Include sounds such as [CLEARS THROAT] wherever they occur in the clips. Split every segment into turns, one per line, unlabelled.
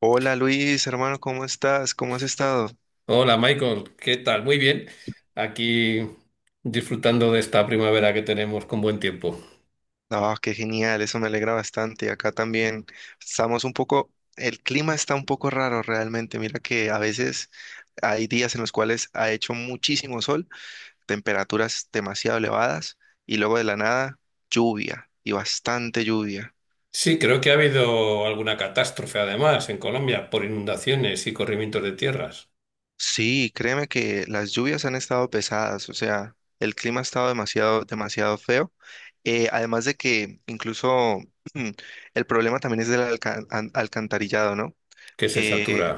Hola Luis, hermano, ¿cómo estás? ¿Cómo has estado?
Hola Michael, ¿qué tal? Muy bien. Aquí disfrutando de esta primavera que tenemos con buen tiempo.
Ah, qué genial, eso me alegra bastante. Acá también estamos un poco, el clima está un poco raro realmente. Mira que a veces hay días en los cuales ha hecho muchísimo sol, temperaturas demasiado elevadas y luego de la nada lluvia y bastante lluvia.
Sí, creo que ha habido alguna catástrofe además en Colombia por inundaciones y corrimientos de tierras
Sí, créeme que las lluvias han estado pesadas, o sea, el clima ha estado demasiado, demasiado feo. Además de que incluso [CLEARS THROAT] mm, el problema también es del alcantarillado, ¿no?
que se
Eh,
satura.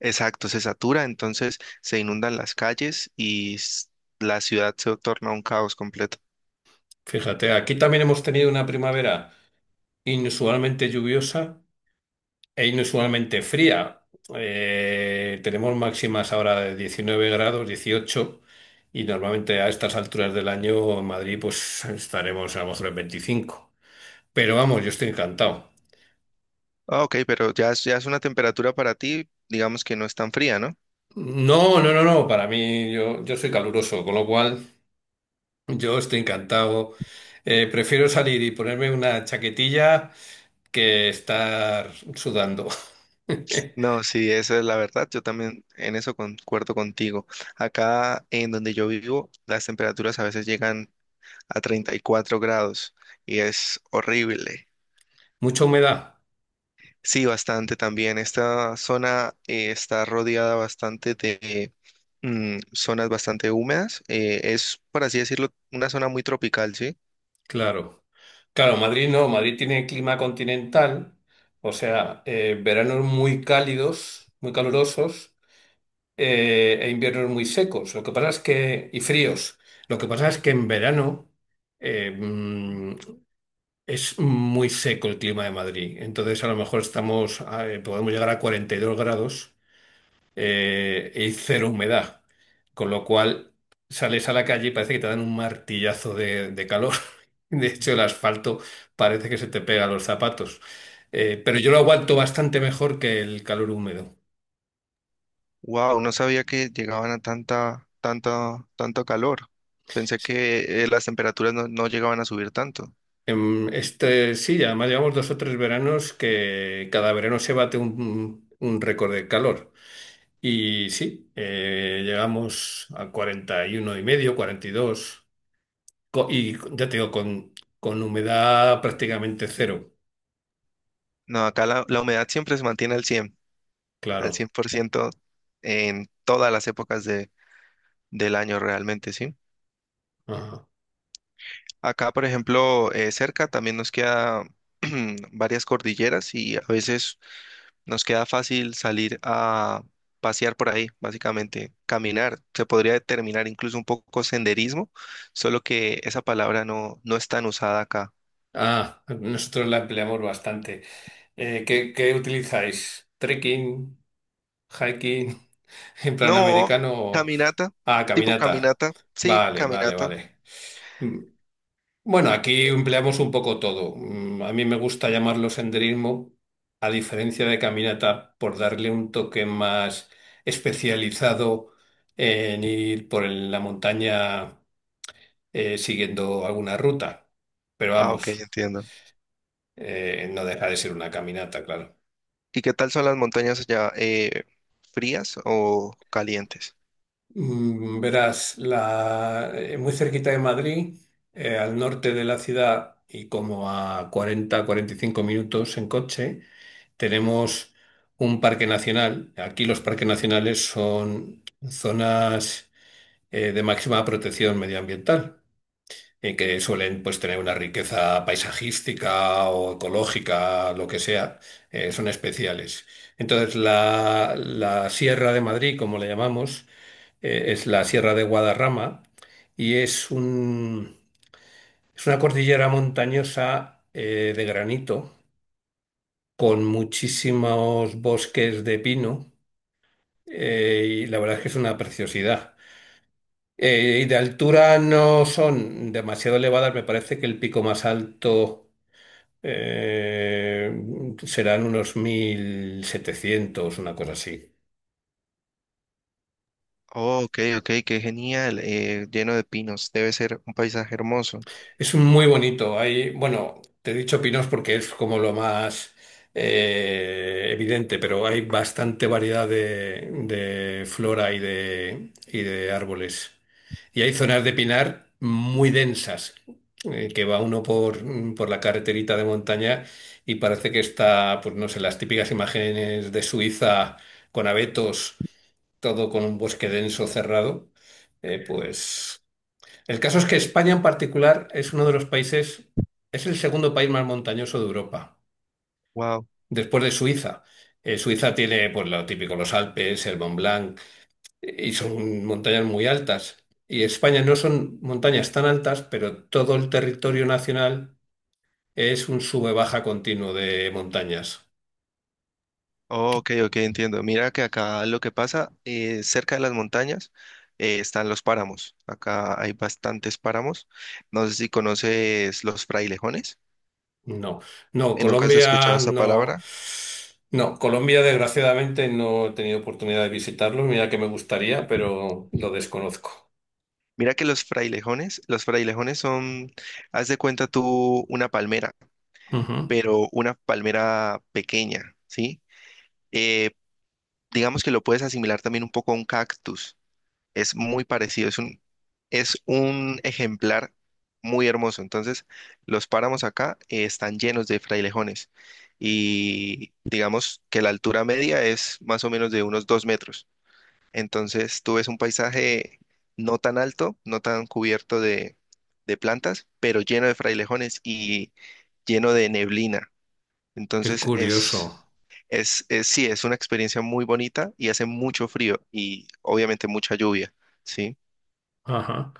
exacto, se satura, entonces se inundan las calles y la ciudad se torna un caos completo.
Fíjate, aquí también hemos tenido una primavera inusualmente lluviosa e inusualmente fría. Tenemos máximas ahora de 19 grados, 18. Y normalmente a estas alturas del año en Madrid pues estaremos a lo mejor en 25. Pero vamos, yo estoy encantado.
Ah, ok, pero ya es una temperatura para ti, digamos que no es tan fría, ¿no?
No, no, no, no, para mí yo soy caluroso, con lo cual yo estoy encantado. Prefiero salir y ponerme una chaquetilla que estar sudando. [LAUGHS]
No, sí, esa es la verdad. Yo también en eso concuerdo contigo. Acá en donde yo vivo, las temperaturas a veces llegan a 34 grados y es horrible.
Mucha humedad,
Sí, bastante también. Esta zona está rodeada bastante de zonas bastante húmedas. Es, por así decirlo, una zona muy tropical, ¿sí?
claro. Claro, Madrid no, Madrid tiene clima continental, o sea, veranos muy cálidos, muy calurosos, e inviernos muy secos. Lo que pasa es que, y fríos. Lo que pasa es que en verano. Eh, mm, Es muy seco el clima de Madrid, entonces a lo mejor estamos, podemos llegar a 42 grados y cero humedad, con lo cual sales a la calle y parece que te dan un martillazo de calor. [LAUGHS] De hecho, el asfalto parece que se te pega a los zapatos. Pero yo lo aguanto bastante mejor que el calor húmedo.
Wow, no sabía que llegaban a tanta, tanta, tanto calor. Pensé que las temperaturas no llegaban a subir tanto.
Este, sí, además llevamos 2 o 3 veranos que cada verano se bate un récord de calor. Y sí, llegamos a 41 y medio, 42, y ya te digo, con humedad prácticamente cero,
No, acá la humedad siempre se mantiene al 100, al
claro.
100% en todas las épocas del año realmente, ¿sí?
Ajá.
Acá, por ejemplo, cerca también nos queda [CLEARS THROAT] varias cordilleras y a veces nos queda fácil salir a pasear por ahí, básicamente, caminar. Se podría determinar incluso un poco senderismo, solo que esa palabra no es tan usada acá.
Ah, nosotros la empleamos bastante. ¿Qué utilizáis? ¿Trekking, hiking, [LAUGHS] en plan
No,
americano o
caminata, tipo
caminata?
caminata, sí,
Vale, vale,
caminata.
vale. Bueno, aquí
Eh,
empleamos un poco todo. A mí me gusta llamarlo senderismo, a diferencia de caminata, por darle un toque más especializado en ir por la montaña siguiendo alguna ruta. Pero
Ah, ok,
vamos,
entiendo.
no deja de ser una caminata, claro.
¿Y qué tal son las montañas allá? ¿Frías o calientes?
Verás, muy cerquita de Madrid, al norte de la ciudad y como a 40-45 minutos en coche, tenemos un parque nacional. Aquí los parques nacionales son zonas de máxima protección medioambiental, que suelen pues, tener una riqueza paisajística o ecológica, lo que sea, son especiales. Entonces, la Sierra de Madrid, como la llamamos, es la Sierra de Guadarrama y es una cordillera montañosa de granito con muchísimos bosques de pino y la verdad es que es una preciosidad. Y de altura no son demasiado elevadas, me parece que el pico más alto serán unos 1.700 una cosa así.
Oh, ok, ok, qué genial. Eh, lleno de pinos. Debe ser un paisaje hermoso.
Es un muy bonito. Hay, bueno, te he dicho pinos porque es como lo más evidente, pero hay bastante variedad de flora y y de árboles. Y hay zonas de pinar muy densas, que va uno por la carreterita de montaña y parece que está, pues no sé, las típicas imágenes de Suiza con abetos todo con un bosque denso cerrado, pues el caso es que España en particular es uno de los países, es el segundo país más montañoso de Europa,
Wow.
después de Suiza. Suiza tiene, pues, lo típico, los Alpes, el Mont Blanc, y son montañas muy altas. Y España no son montañas tan altas, pero todo el territorio nacional es un sube-baja continuo de montañas.
Oh, ok, ok, entiendo. Mira que acá lo que pasa, cerca de las montañas están los páramos. Acá hay bastantes páramos. No sé si conoces los frailejones.
No, no,
¿Nunca has escuchado
Colombia
esa
no.
palabra?
No, Colombia desgraciadamente no he tenido oportunidad de visitarlo, mira que me gustaría, pero lo desconozco.
Mira que los frailejones son, haz de cuenta tú una palmera.
Ujú.
Pero una palmera pequeña, ¿sí? Eh, digamos que lo puedes asimilar también un poco a un cactus. Es muy parecido, es un ejemplar muy hermoso. Entonces, los páramos acá están llenos de frailejones y digamos que la altura media es más o menos de unos 2 metros. Entonces, tú ves un paisaje no tan alto, no tan cubierto de plantas, pero lleno de frailejones y lleno de neblina.
Qué
Entonces
curioso.
es, sí, es una experiencia muy bonita y hace mucho frío y obviamente mucha lluvia, ¿sí?
Ajá.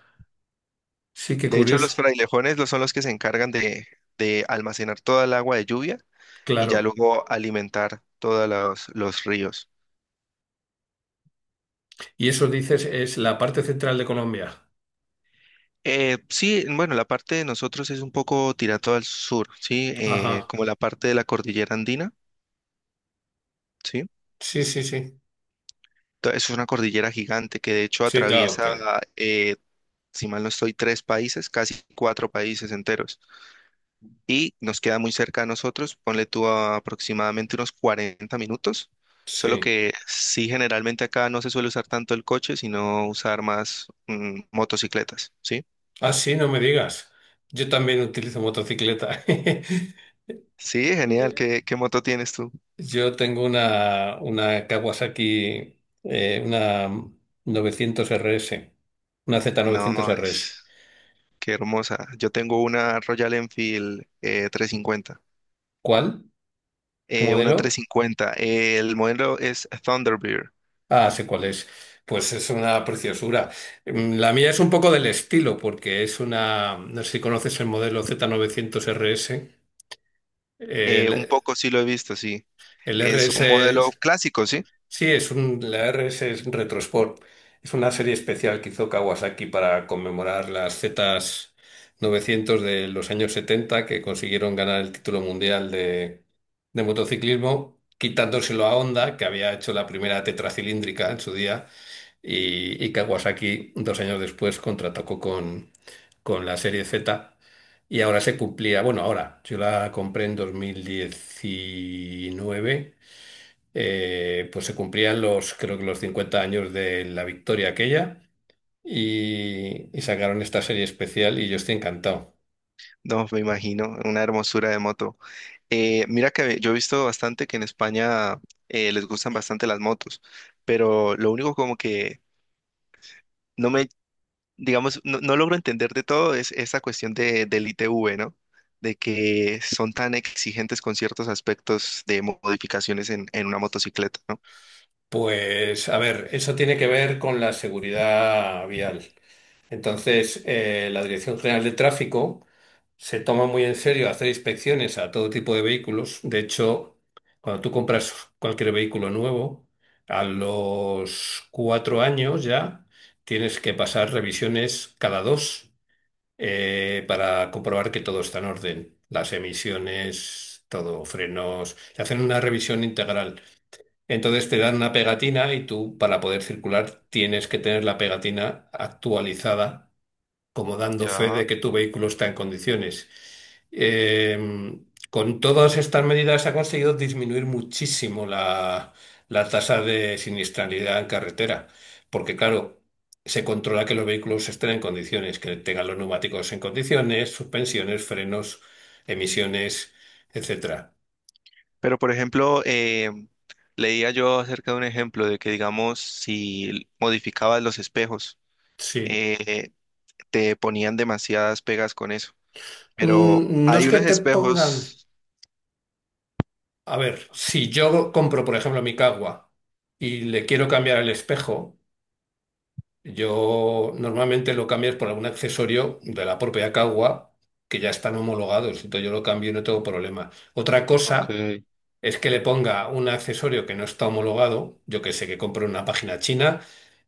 Sí, qué
De hecho,
curioso.
son los que se encargan de almacenar toda el agua de lluvia y ya
Claro.
luego alimentar todos los ríos.
Y eso dices es la parte central de Colombia.
Sí, bueno, la parte de nosotros es un poco tirado al sur, ¿sí?
Ajá.
Como la parte de la cordillera andina, ¿sí?
Sí, sí, sí.
Es una cordillera gigante que de hecho
Sí, claro
atraviesa,
que
eh, si mal no estoy, tres países, casi cuatro países enteros. Y nos queda muy cerca a nosotros, ponle tú a aproximadamente unos 40 minutos, solo
sí.
que sí generalmente acá no se suele usar tanto el coche, sino usar más motocicletas, ¿sí?
Ah, sí, no me digas. Yo también utilizo motocicleta. [LAUGHS]
Sí, genial, ¿qué, qué moto tienes tú?
Yo tengo una Kawasaki, una 900 RS, una Z900
No,
RS.
es- Qué hermosa. Yo tengo una Royal Enfield 350
¿Cuál? ¿Tu
una
modelo?
350, el modelo es Thunderbird,
Ah, sé cuál es. Pues es una preciosura. La mía es un poco del estilo, porque es una. No sé si conoces el modelo Z900 RS.
un
El,
poco sí lo he visto, sí,
el
es un
RS.
modelo
es-
clásico, ¿sí?
sí, la RS es un Retro Sport. Es una serie especial que hizo Kawasaki para conmemorar las Z900 de los años 70 que consiguieron ganar el título mundial de motociclismo, quitándoselo a Honda, que había hecho la primera tetracilíndrica en su día. Y Kawasaki 2 años después contrató con la serie Z y ahora se cumplía, bueno, ahora yo la compré en 2019, pues se cumplían creo que los 50 años de la victoria aquella y sacaron esta serie especial y yo estoy encantado.
No, me imagino, una hermosura de moto. Mira que yo he visto bastante que en España les gustan bastante las motos, pero lo único como que no me, digamos, no logro entender de todo es esa cuestión del ITV, ¿no? De que son tan exigentes con ciertos aspectos de modificaciones en una motocicleta, ¿no?
Pues a ver, eso tiene que ver con la seguridad vial. Entonces, la Dirección General de Tráfico se toma muy en serio hacer inspecciones a todo tipo de vehículos. De hecho, cuando tú compras cualquier vehículo nuevo, a los 4 años ya tienes que pasar revisiones cada dos para comprobar que todo está en orden. Las emisiones, todo, frenos. Te hacen una revisión integral. Entonces te dan una pegatina y tú, para poder circular, tienes que tener la pegatina actualizada como dando fe de
Ya.
que tu vehículo está en condiciones. Eh, con todas estas medidas se ha conseguido disminuir muchísimo la tasa de siniestralidad en carretera, porque claro, se controla que los vehículos estén en condiciones, que tengan los neumáticos en condiciones, suspensiones, frenos, emisiones, etcétera.
Pero, por ejemplo, leía yo acerca de un ejemplo de que, digamos, si modificabas los espejos,
Sí.
eh, te ponían demasiadas pegas con eso. Pero
No es
hay
que
unos
te pongan.
espejos.
A ver, si yo compro, por ejemplo, mi Cagua y le quiero cambiar el espejo, yo normalmente lo cambias por algún accesorio de la propia Cagua que ya están homologados, entonces yo lo cambio y no tengo problema. Otra
Ok.
cosa es que le ponga un accesorio que no está homologado, yo que sé, que compro en una página china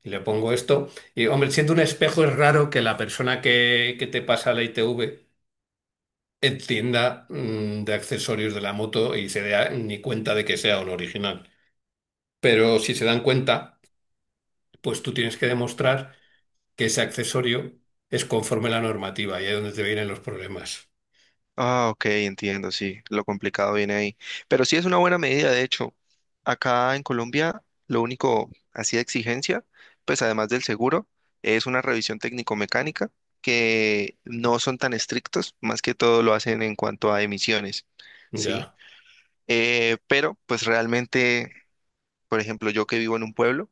y le pongo esto. Y hombre, siendo un espejo es raro que la persona que te pasa la ITV entienda de accesorios de la moto y se dé ni cuenta de que sea un original. Pero si se dan cuenta, pues tú tienes que demostrar que ese accesorio es conforme a la normativa y ahí es donde te vienen los problemas.
Ah, ok, entiendo, sí. Lo complicado viene ahí. Pero sí es una buena medida, de hecho. Acá en Colombia, lo único así de exigencia, pues además del seguro, es una revisión técnico-mecánica que no son tan estrictos, más que todo lo hacen en cuanto a emisiones, ¿sí?
Ya,
Pero pues realmente por ejemplo, yo que vivo en un pueblo,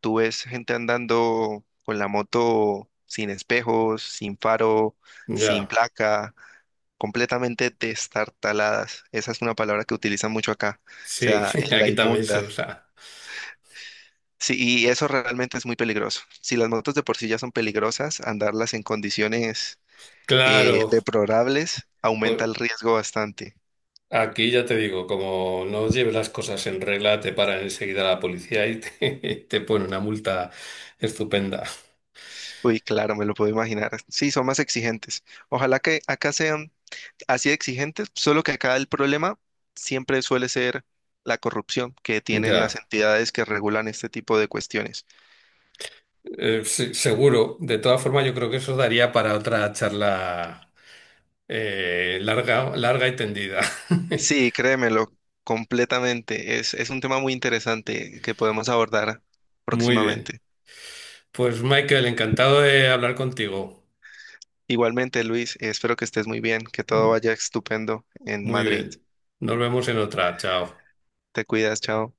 tú ves gente andando con la moto sin espejos, sin faro, sin
ya.
placa, completamente destartaladas. Esa es una palabra que utilizan mucho acá, o
Sí,
sea,
[LAUGHS]
en la
aquí también se
inmunda.
usa.
Sí, y eso realmente es muy peligroso. Si las motos de por sí ya son peligrosas, andarlas en condiciones
Claro,
deplorables aumenta
pues
el riesgo bastante.
aquí ya te digo, como no lleves las cosas en regla, te paran enseguida la policía y te, [LAUGHS] te pone una multa estupenda.
Uy, claro, me lo puedo imaginar. Sí, son más exigentes. Ojalá que acá sean así de exigentes, solo que acá el problema siempre suele ser la corrupción que tienen las
Ya,
entidades que regulan este tipo de cuestiones.
Sí, seguro. De todas formas, yo creo que eso daría para otra charla larga, larga y tendida. [LAUGHS]
Sí, créemelo, completamente. Es un tema muy interesante que podemos abordar
Muy bien.
próximamente.
Pues Michael, encantado de hablar contigo.
Igualmente, Luis, espero que estés muy bien, que todo vaya estupendo en
Muy
Madrid.
bien. Nos vemos en otra. Chao.
Te cuidas, chao.